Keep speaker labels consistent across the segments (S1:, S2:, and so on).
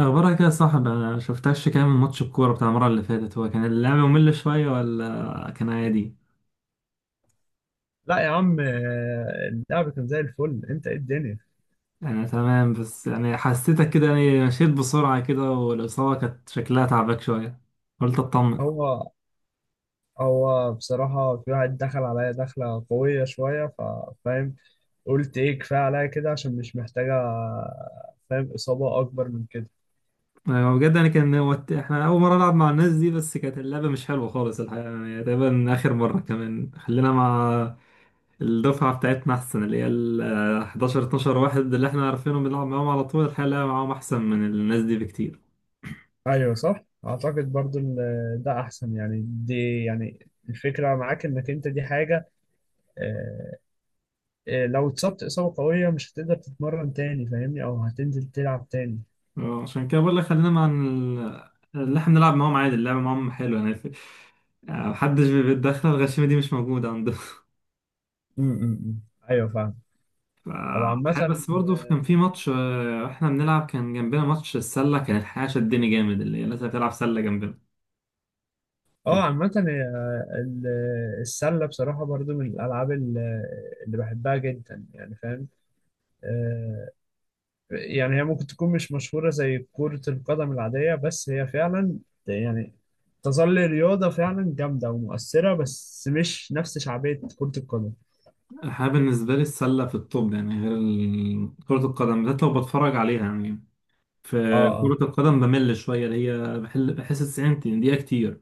S1: اخبارك يا صاحب؟ انا شفتكش كام من ماتش، الكوره بتاع المره اللي فاتت هو كان اللعب ممل شويه ولا كان عادي؟
S2: لا يا عم، آه، اللعب كان زي الفل. انت ايه الدنيا؟
S1: انا تمام، بس يعني حسيتك كده، يعني مشيت بسرعه كده والاصابه كانت شكلها تعبك شويه، قلت اطمن.
S2: هو هو بصراحة في واحد دخل عليا دخلة قوية شوية، فاهم؟ قلت ايه، كفاية عليا كده عشان مش محتاجة، فاهم، إصابة أكبر من كده.
S1: أيوة، بجد يعني كان هو احنا اول مره نلعب مع الناس دي، بس كانت اللعبه مش حلوه خالص الحقيقه، يعني تقريبا اخر مره. كمان خلينا مع الدفعه بتاعتنا احسن، اللي هي 11 12 واحد اللي احنا عارفينهم، بنلعب معاهم على طول. الحقيقه اللعبة معاهم احسن من الناس دي بكتير.
S2: أيوة صح، أعتقد برضو ده أحسن، يعني دي يعني الفكرة معاك إنك أنت دي حاجة. آه، لو اتصبت إصابة قوية مش هتقدر تتمرن تاني، فاهمني؟ أو هتنزل تلعب تاني.
S1: اه عشان كده بقول لك خلينا مع اللي احنا نلعب معاهم عادي، اللعبة معاهم حلوة، يعني يعني محدش بيتدخل، الغشيمة دي مش موجودة عندهم
S2: م- م- م. أيوة فاهم.
S1: ف-
S2: طب عامة.
S1: الحقيقة بس برضه كان في ماتش، واحنا بنلعب كان جنبنا ماتش السلة، كان الحقيقة شدني جامد، اللي هي الناس اللي بتلعب سلة جنبنا
S2: اه
S1: كانت.
S2: عامة هي، السلة بصراحة برضو من الألعاب اللي بحبها جدا، يعني فاهم. آه، يعني هي ممكن تكون مش مشهورة زي كرة القدم العادية، بس هي فعلا يعني تظل رياضة فعلا جامدة ومؤثرة، بس مش نفس شعبية كرة القدم.
S1: الحقيقة بالنسبة لي السلة في الطب، يعني غير كرة القدم، بالذات لو بتفرج عليها يعني. في
S2: اه اه.
S1: كرة القدم بمل شوية، اللي هي بحس 90 دقيقة كتير.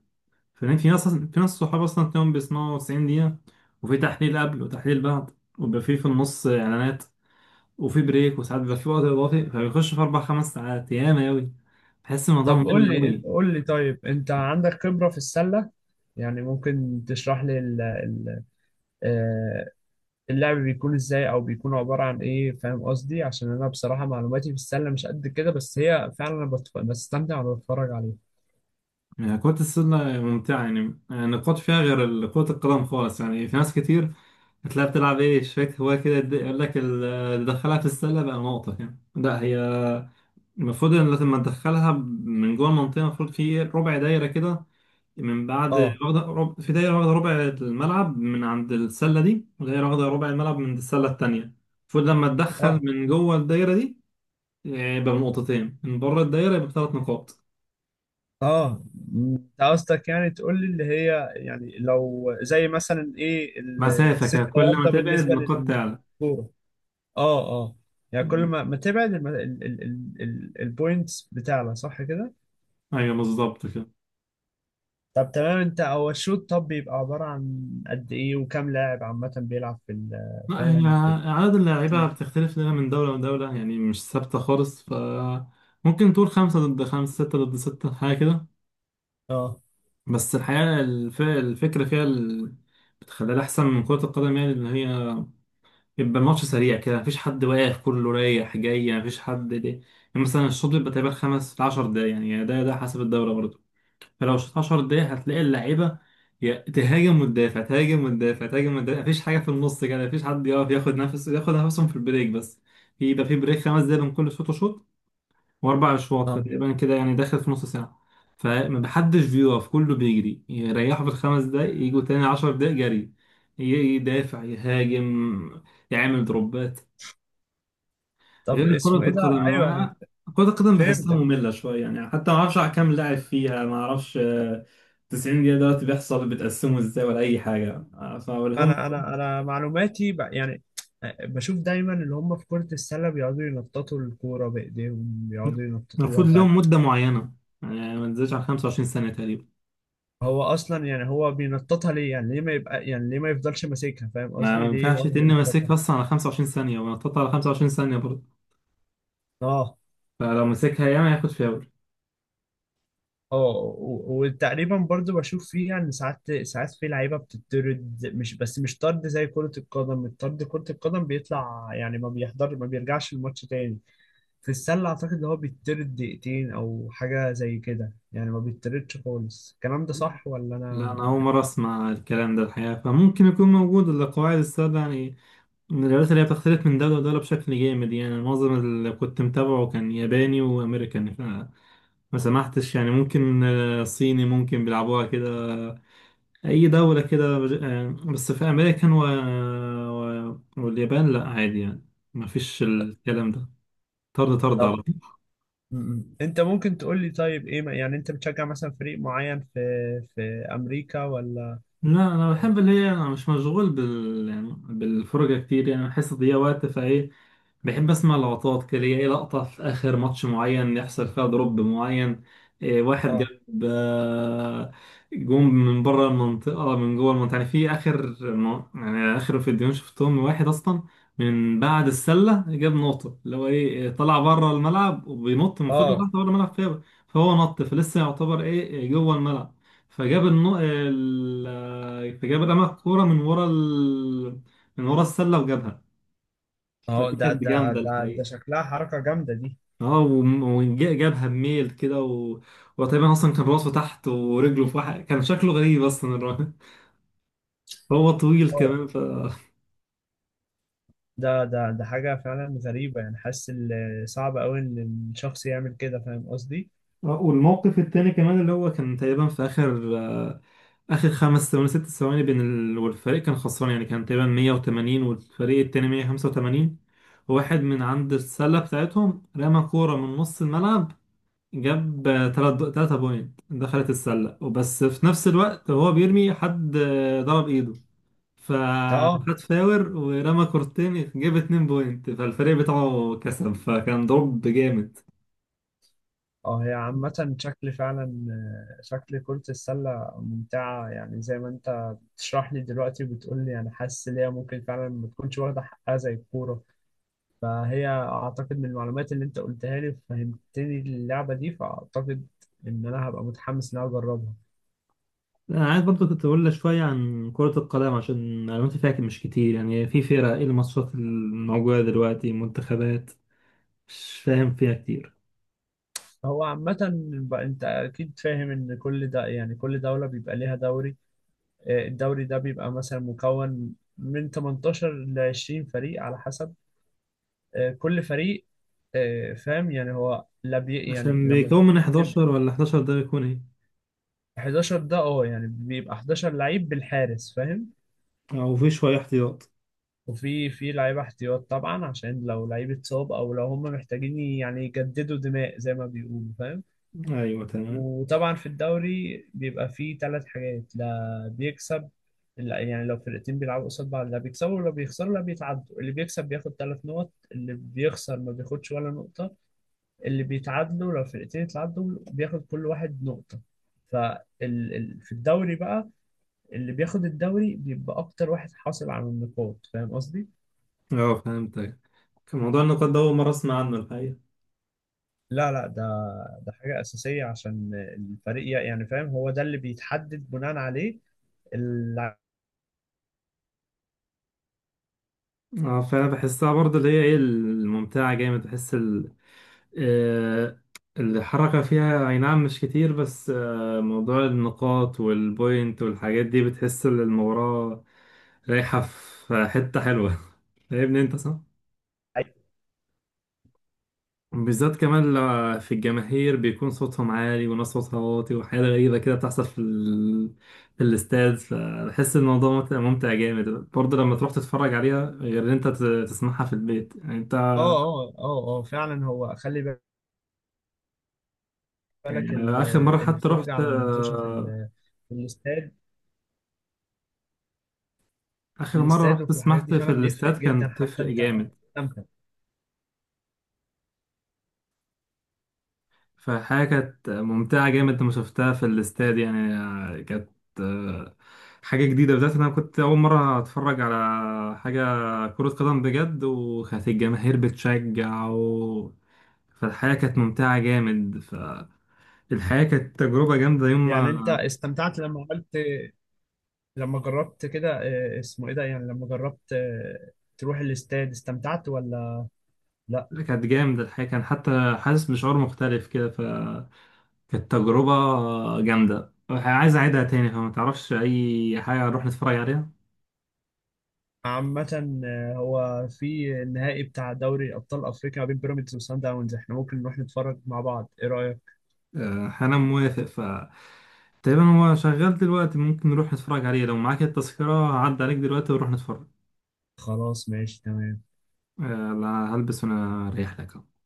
S1: فاهمين؟ في ناس، في ناس صحاب اصلا تلاقيهم بيسمعوا 90 دقيقة، وفي تحليل قبل وتحليل بعد، وبيبقى في في النص اعلانات، وفي بريك، وساعات بيبقى في وقت اضافي، فبيخش في اربع خمس ساعات ياما اوي. بحس الموضوع
S2: طب قول
S1: ممل
S2: لي
S1: اوي.
S2: قول لي طيب، انت عندك خبرة في السلة؟ يعني ممكن تشرح لي آه، اللعب بيكون ازاي او بيكون عبارة عن ايه، فاهم قصدي؟ عشان انا بصراحة معلوماتي في السلة مش قد كده، بس هي فعلا انا بستمتع وانا بتفرج عليها.
S1: يعني كرة السلة ممتعة، يعني النقاط فيها غير كرة القدم خالص. يعني في ناس كتير هتلاقيها بتلعب ايه، شوية هواية كده، يقول لك تدخلها في السلة بقى نقطة، يعني لا هي المفروض ان لما تدخلها من جوه المنطقة، المفروض في ربع دايرة كده، من بعد
S2: اه
S1: واخدة رب... في دايرة واخدة ربع الملعب من عند السلة دي، ودايرة واخدة ربع الملعب من عند السلة التانية. المفروض لما تدخل
S2: اه
S1: من جوه الدايرة دي، يبقى بنقطتين، من بره الدايرة يبقى بثلاث نقاط.
S2: اه. انت قصدك يعني تقول لي اللي هي يعني لو زي مثلا ايه
S1: مسافة كده،
S2: الست
S1: كل ما
S2: ياردة
S1: تبعد
S2: بالنسبة
S1: نقاط تعلى.
S2: للكورة. اه اه. يعني كل ما تبعد البوينتس بتاعلى، صح كده؟
S1: أيوة بالظبط كده.
S2: طب تمام. انت هو الشوط طب بيبقى عبارة عن قد ايه، وكم لاعب عامة بيلعب في
S1: لا هي
S2: فاهم في
S1: عدد اللاعيبة
S2: ال...
S1: بتختلف لنا من دولة لدولة، يعني مش ثابتة خالص. ف ممكن تقول خمسة ضد خمسة، ستة ضد ستة، حاجة كده.
S2: اه
S1: بس الحقيقة الف... الفكرة فيها ال... بتخليها أحسن من كرة القدم، يعني اللي هي يبقى الماتش سريع كده، مفيش حد واقف، كله رايح جاي، مفيش حد ليه يعني. مثلا الشوط بيبقى تقريبا خمس لعشر دقايق، يعني ده ده حسب الدورة برضه. فلو شوط عشر دقايق هتلاقي اللعيبة يا تهاجم وتدافع، تهاجم وتدافع، تهاجم وتدافع، مفيش حاجة في النص كده، مفيش حد يقف ياخد نفسه، ياخد نفسهم في البريك بس. يبقى في بريك خمس دقايق بين كل شوط وشوط، واربع اشواط،
S2: اه.
S1: فتقريبا كده يعني داخل في نص ساعه. فما حدش بيقف، كله بيجري، يريحوا في الخمس دقايق، يجوا تاني عشر دقايق جري. ي- يدافع، يهاجم، يعمل دروبات،
S2: طب
S1: غير كرة
S2: اسمه ايه ده؟
S1: القدم.
S2: ايوه انا
S1: كرة القدم بحسها
S2: فهمتك.
S1: مملة شوية، يعني حتى ما اعرفش على كام لاعب فيها، ما اعرفش. 90 دقيقة دلوقتي بيحصل بتقسمه ازاي ولا أي حاجة. فلهم
S2: انا معلوماتي يعني آه، بشوف دايما اللي هم في كرة السلة بيقعدوا ينططوا الكورة بايديهم، بيقعدوا
S1: المفروض
S2: ينططوها فعلا.
S1: لهم مدة معينة، يعني ما تنزلش على 25 سنة تقريبا.
S2: هو اصلا يعني هو بينططها ليه؟ يعني ليه ما يبقى يعني ليه ما يفضلش ماسكها، فاهم
S1: ما
S2: قصدي؟ ليه
S1: ينفعش
S2: يقعد
S1: تن
S2: ينططها؟
S1: ماسكها اصلا على 25 ثانية، ونطط على 25 ثانية برضه.
S2: اه
S1: فلو مسكها ياما ياخد فاول.
S2: اه. وتقريبا برضو بشوف فيها ان ساعات ساعات في لعيبه بتطرد، مش بس مش طرد زي كره القدم. الطرد كره القدم بيطلع يعني ما بيحضر، ما بيرجعش الماتش تاني. في السلة أعتقد إن هو بيطرد دقيقتين أو حاجة زي كده، يعني ما بيطردش خالص. الكلام ده صح ولا
S1: لا
S2: أنا؟
S1: انا اول مرة اسمع الكلام ده الحقيقة، فممكن يكون موجود، القواعد السادة يعني من الرياضات اللي هي بتختلف من دولة لدولة بشكل جامد. يعني معظم اللي كنت متابعه كان ياباني وامريكاني، فما سمحتش، يعني ممكن صيني ممكن بيلعبوها كده، اي دولة كده بس في امريكا و... و... واليابان لا عادي يعني، مفيش الكلام ده، طرد طرد على
S2: طب
S1: طول.
S2: م. أنت ممكن تقول لي طيب، إيه يعني أنت بتشجع مثلا فريق معين في في أمريكا ولا؟
S1: لا انا بحب اللي هي انا مش مشغول بال، يعني بالفرجه كتير، يعني بحس ان هي وقت فايه. بحب اسمع لقطات كده ليا، ايه لقطة في اخر ماتش معين يحصل فيها دروب معين، إيه واحد
S2: آه
S1: جاب، جون من بره المنطقة، من جوه المنطقة يعني. في اخر يعني اخر فيديوهين شفتهم، واحد اصلا من بعد السلة جاب نقطة، اللي هو ايه إيه، طلع بره الملعب وبينط من فضل
S2: آه.
S1: تحت بره الملعب فيه، فهو نط فلسه يعتبر ايه إيه جوه الملعب، فجاب النو... ال... فجاب رمى الكورة من ورا ال... من ورا السلة وجابها.
S2: أهو
S1: فدي
S2: ده
S1: كانت
S2: ده
S1: جامدة
S2: ده ده
S1: الحقيقة.
S2: شكلها حركة جامدة دي.
S1: اه وجابها بميل كده و... وتقريبا اصلا كان راسه تحت ورجله في واحد، كان شكله غريب اصلا الراجل هو طويل
S2: آه،
S1: كمان ف.
S2: ده حاجة فعلا غريبة، يعني حاسس صعب أوي إن الشخص يعمل كده، فاهم قصدي؟
S1: والموقف التاني كمان اللي هو كان تقريبا في اخر، اخر خمس ثواني ست ثواني بين ال... والفريق كان خسران، يعني كان تقريبا 180 والفريق التاني 185. واحد من عند السله بتاعتهم رمى كوره من نص الملعب، جاب تلات، تلاتة بوينت، دخلت السله، وبس في نفس الوقت وهو بيرمي حد ضرب ايده،
S2: آه
S1: فخد فاور، ورمى كورتين، جاب 2 بوينت، فالفريق بتاعه كسب، فكان ضرب جامد.
S2: اه. هي عامة شكل فعلا آه، شكل كرة السلة ممتعة، يعني زي ما انت بتشرح لي دلوقتي وبتقول لي. انا حاسس ان هي ممكن فعلا ما تكونش واخدة حقها زي الكورة. فهي اعتقد من المعلومات اللي انت قلتها لي فهمتني اللعبة دي، فاعتقد ان انا هبقى متحمس ان انا اجربها.
S1: انا عايز برضه كنت اقول لك شويه عن كره القدم، عشان معلوماتي فيها مش كتير. يعني في فرق، ايه الماتشات الموجوده دلوقتي، منتخبات مش فاهم فيها كتير.
S2: هو عامة بقى انت اكيد فاهم ان كل ده، يعني كل دولة بيبقى ليها دوري. آه، الدوري ده بيبقى مثلا مكون من 18 ل 20 فريق على حسب. آه، كل فريق آه، فاهم، يعني هو لا بي يعني
S1: عشان
S2: لما
S1: بيكون من
S2: بتبقى
S1: 11 ولا 11 ده بيكون ايه؟
S2: 11 ده اه يعني بيبقى 11 لعيب بالحارس، فاهم.
S1: او في شويه احتياط؟
S2: وفي لعيبه احتياط طبعا، عشان لو لعيب اتصاب او لو هم محتاجين يعني يجددوا دماء زي ما بيقولوا، فاهم.
S1: ايوه تمام.
S2: وطبعا في الدوري بيبقى فيه ثلاث حاجات: لا بيكسب، لا يعني لو فرقتين بيلعبوا قصاد بعض لا بيكسبوا ولا بيخسروا لا بيتعدوا. اللي بيكسب بياخد ثلاث نقط، اللي بيخسر ما بياخدش ولا نقطة، اللي بيتعادلوا لو الفرقتين اتعادلوا بياخد كل واحد نقطة. فال في الدوري بقى اللي بياخد الدوري بيبقى أكتر واحد حاصل على النقاط، فاهم قصدي؟
S1: اه فهمتك. كان موضوع النقاط ده اول مره اسمع عنه الحقيقه.
S2: لا، لا، ده حاجة أساسية عشان الفريق يعني فاهم، هو ده اللي بيتحدد بناء عليه اللعيب.
S1: اه فانا بحسها برضه اللي هي ايه الممتعه جامد، بحس آه، الحركة فيها أي نعم مش كتير، بس موضوع النقاط والبوينت والحاجات دي بتحس إن المباراة رايحة في حتة حلوة فاهمني أنت صح؟ بالذات كمان لو في الجماهير بيكون صوتهم عالي، وناس صوتها واطي، وحاجات غريبة كده بتحصل في ال... في الاستاد. فبحس إن الموضوع ممتع، ممتع جامد، برضه لما تروح تتفرج عليها، غير إن أنت تسمعها في البيت يعني أنت.
S2: اه اه اه اه فعلا. هو خلي بالك
S1: يعني آخر مرة حتى
S2: الفرجة
S1: رحت،
S2: على المتوشة في في الاستاد. في
S1: آخر مرة
S2: الاستاد
S1: رحت
S2: وفي الحاجات دي
S1: سمحت في
S2: فعلا بيفرق
S1: الاستاد
S2: جدا،
S1: كانت
S2: حتى
S1: بتفرق
S2: انت أنت
S1: جامد.
S2: بتستمتع.
S1: فحاجة كانت ممتعة جامد لما شفتها في الاستاد، يعني كانت آه، حاجة جديدة، بالذات إن أنا كنت أول مرة أتفرج على حاجة كرة قدم بجد، وكانت الجماهير بتشجع و... فالحياة كانت ممتعة جامد، فالحياة كانت تجربة جامدة يوم ما
S2: يعني انت استمتعت لما عملت، لما جربت كده آه، اسمه ايه ده، يعني لما جربت آه، تروح الاستاد، استمتعت ولا لا؟
S1: كانت جامدة الحياة، كان حتى حاسس بشعور مختلف كده. كانت تجربة جامدة عايز أعيدها تاني، فما تعرفش أي حاجة نروح نتفرج عليها؟
S2: عامة آه، هو في النهائي بتاع دوري ابطال افريقيا ما بين بيراميدز وسان داونز، احنا ممكن نروح نتفرج مع بعض. ايه رأيك؟
S1: أنا موافق. ف تقريبا هو شغال دلوقتي، ممكن نروح نتفرج عليه، لو معاك التذكرة عدى عليك دلوقتي ونروح نتفرج.
S2: خلاص ماشي تمام.
S1: آه، لا هلبس وأنا رايح لك أهو.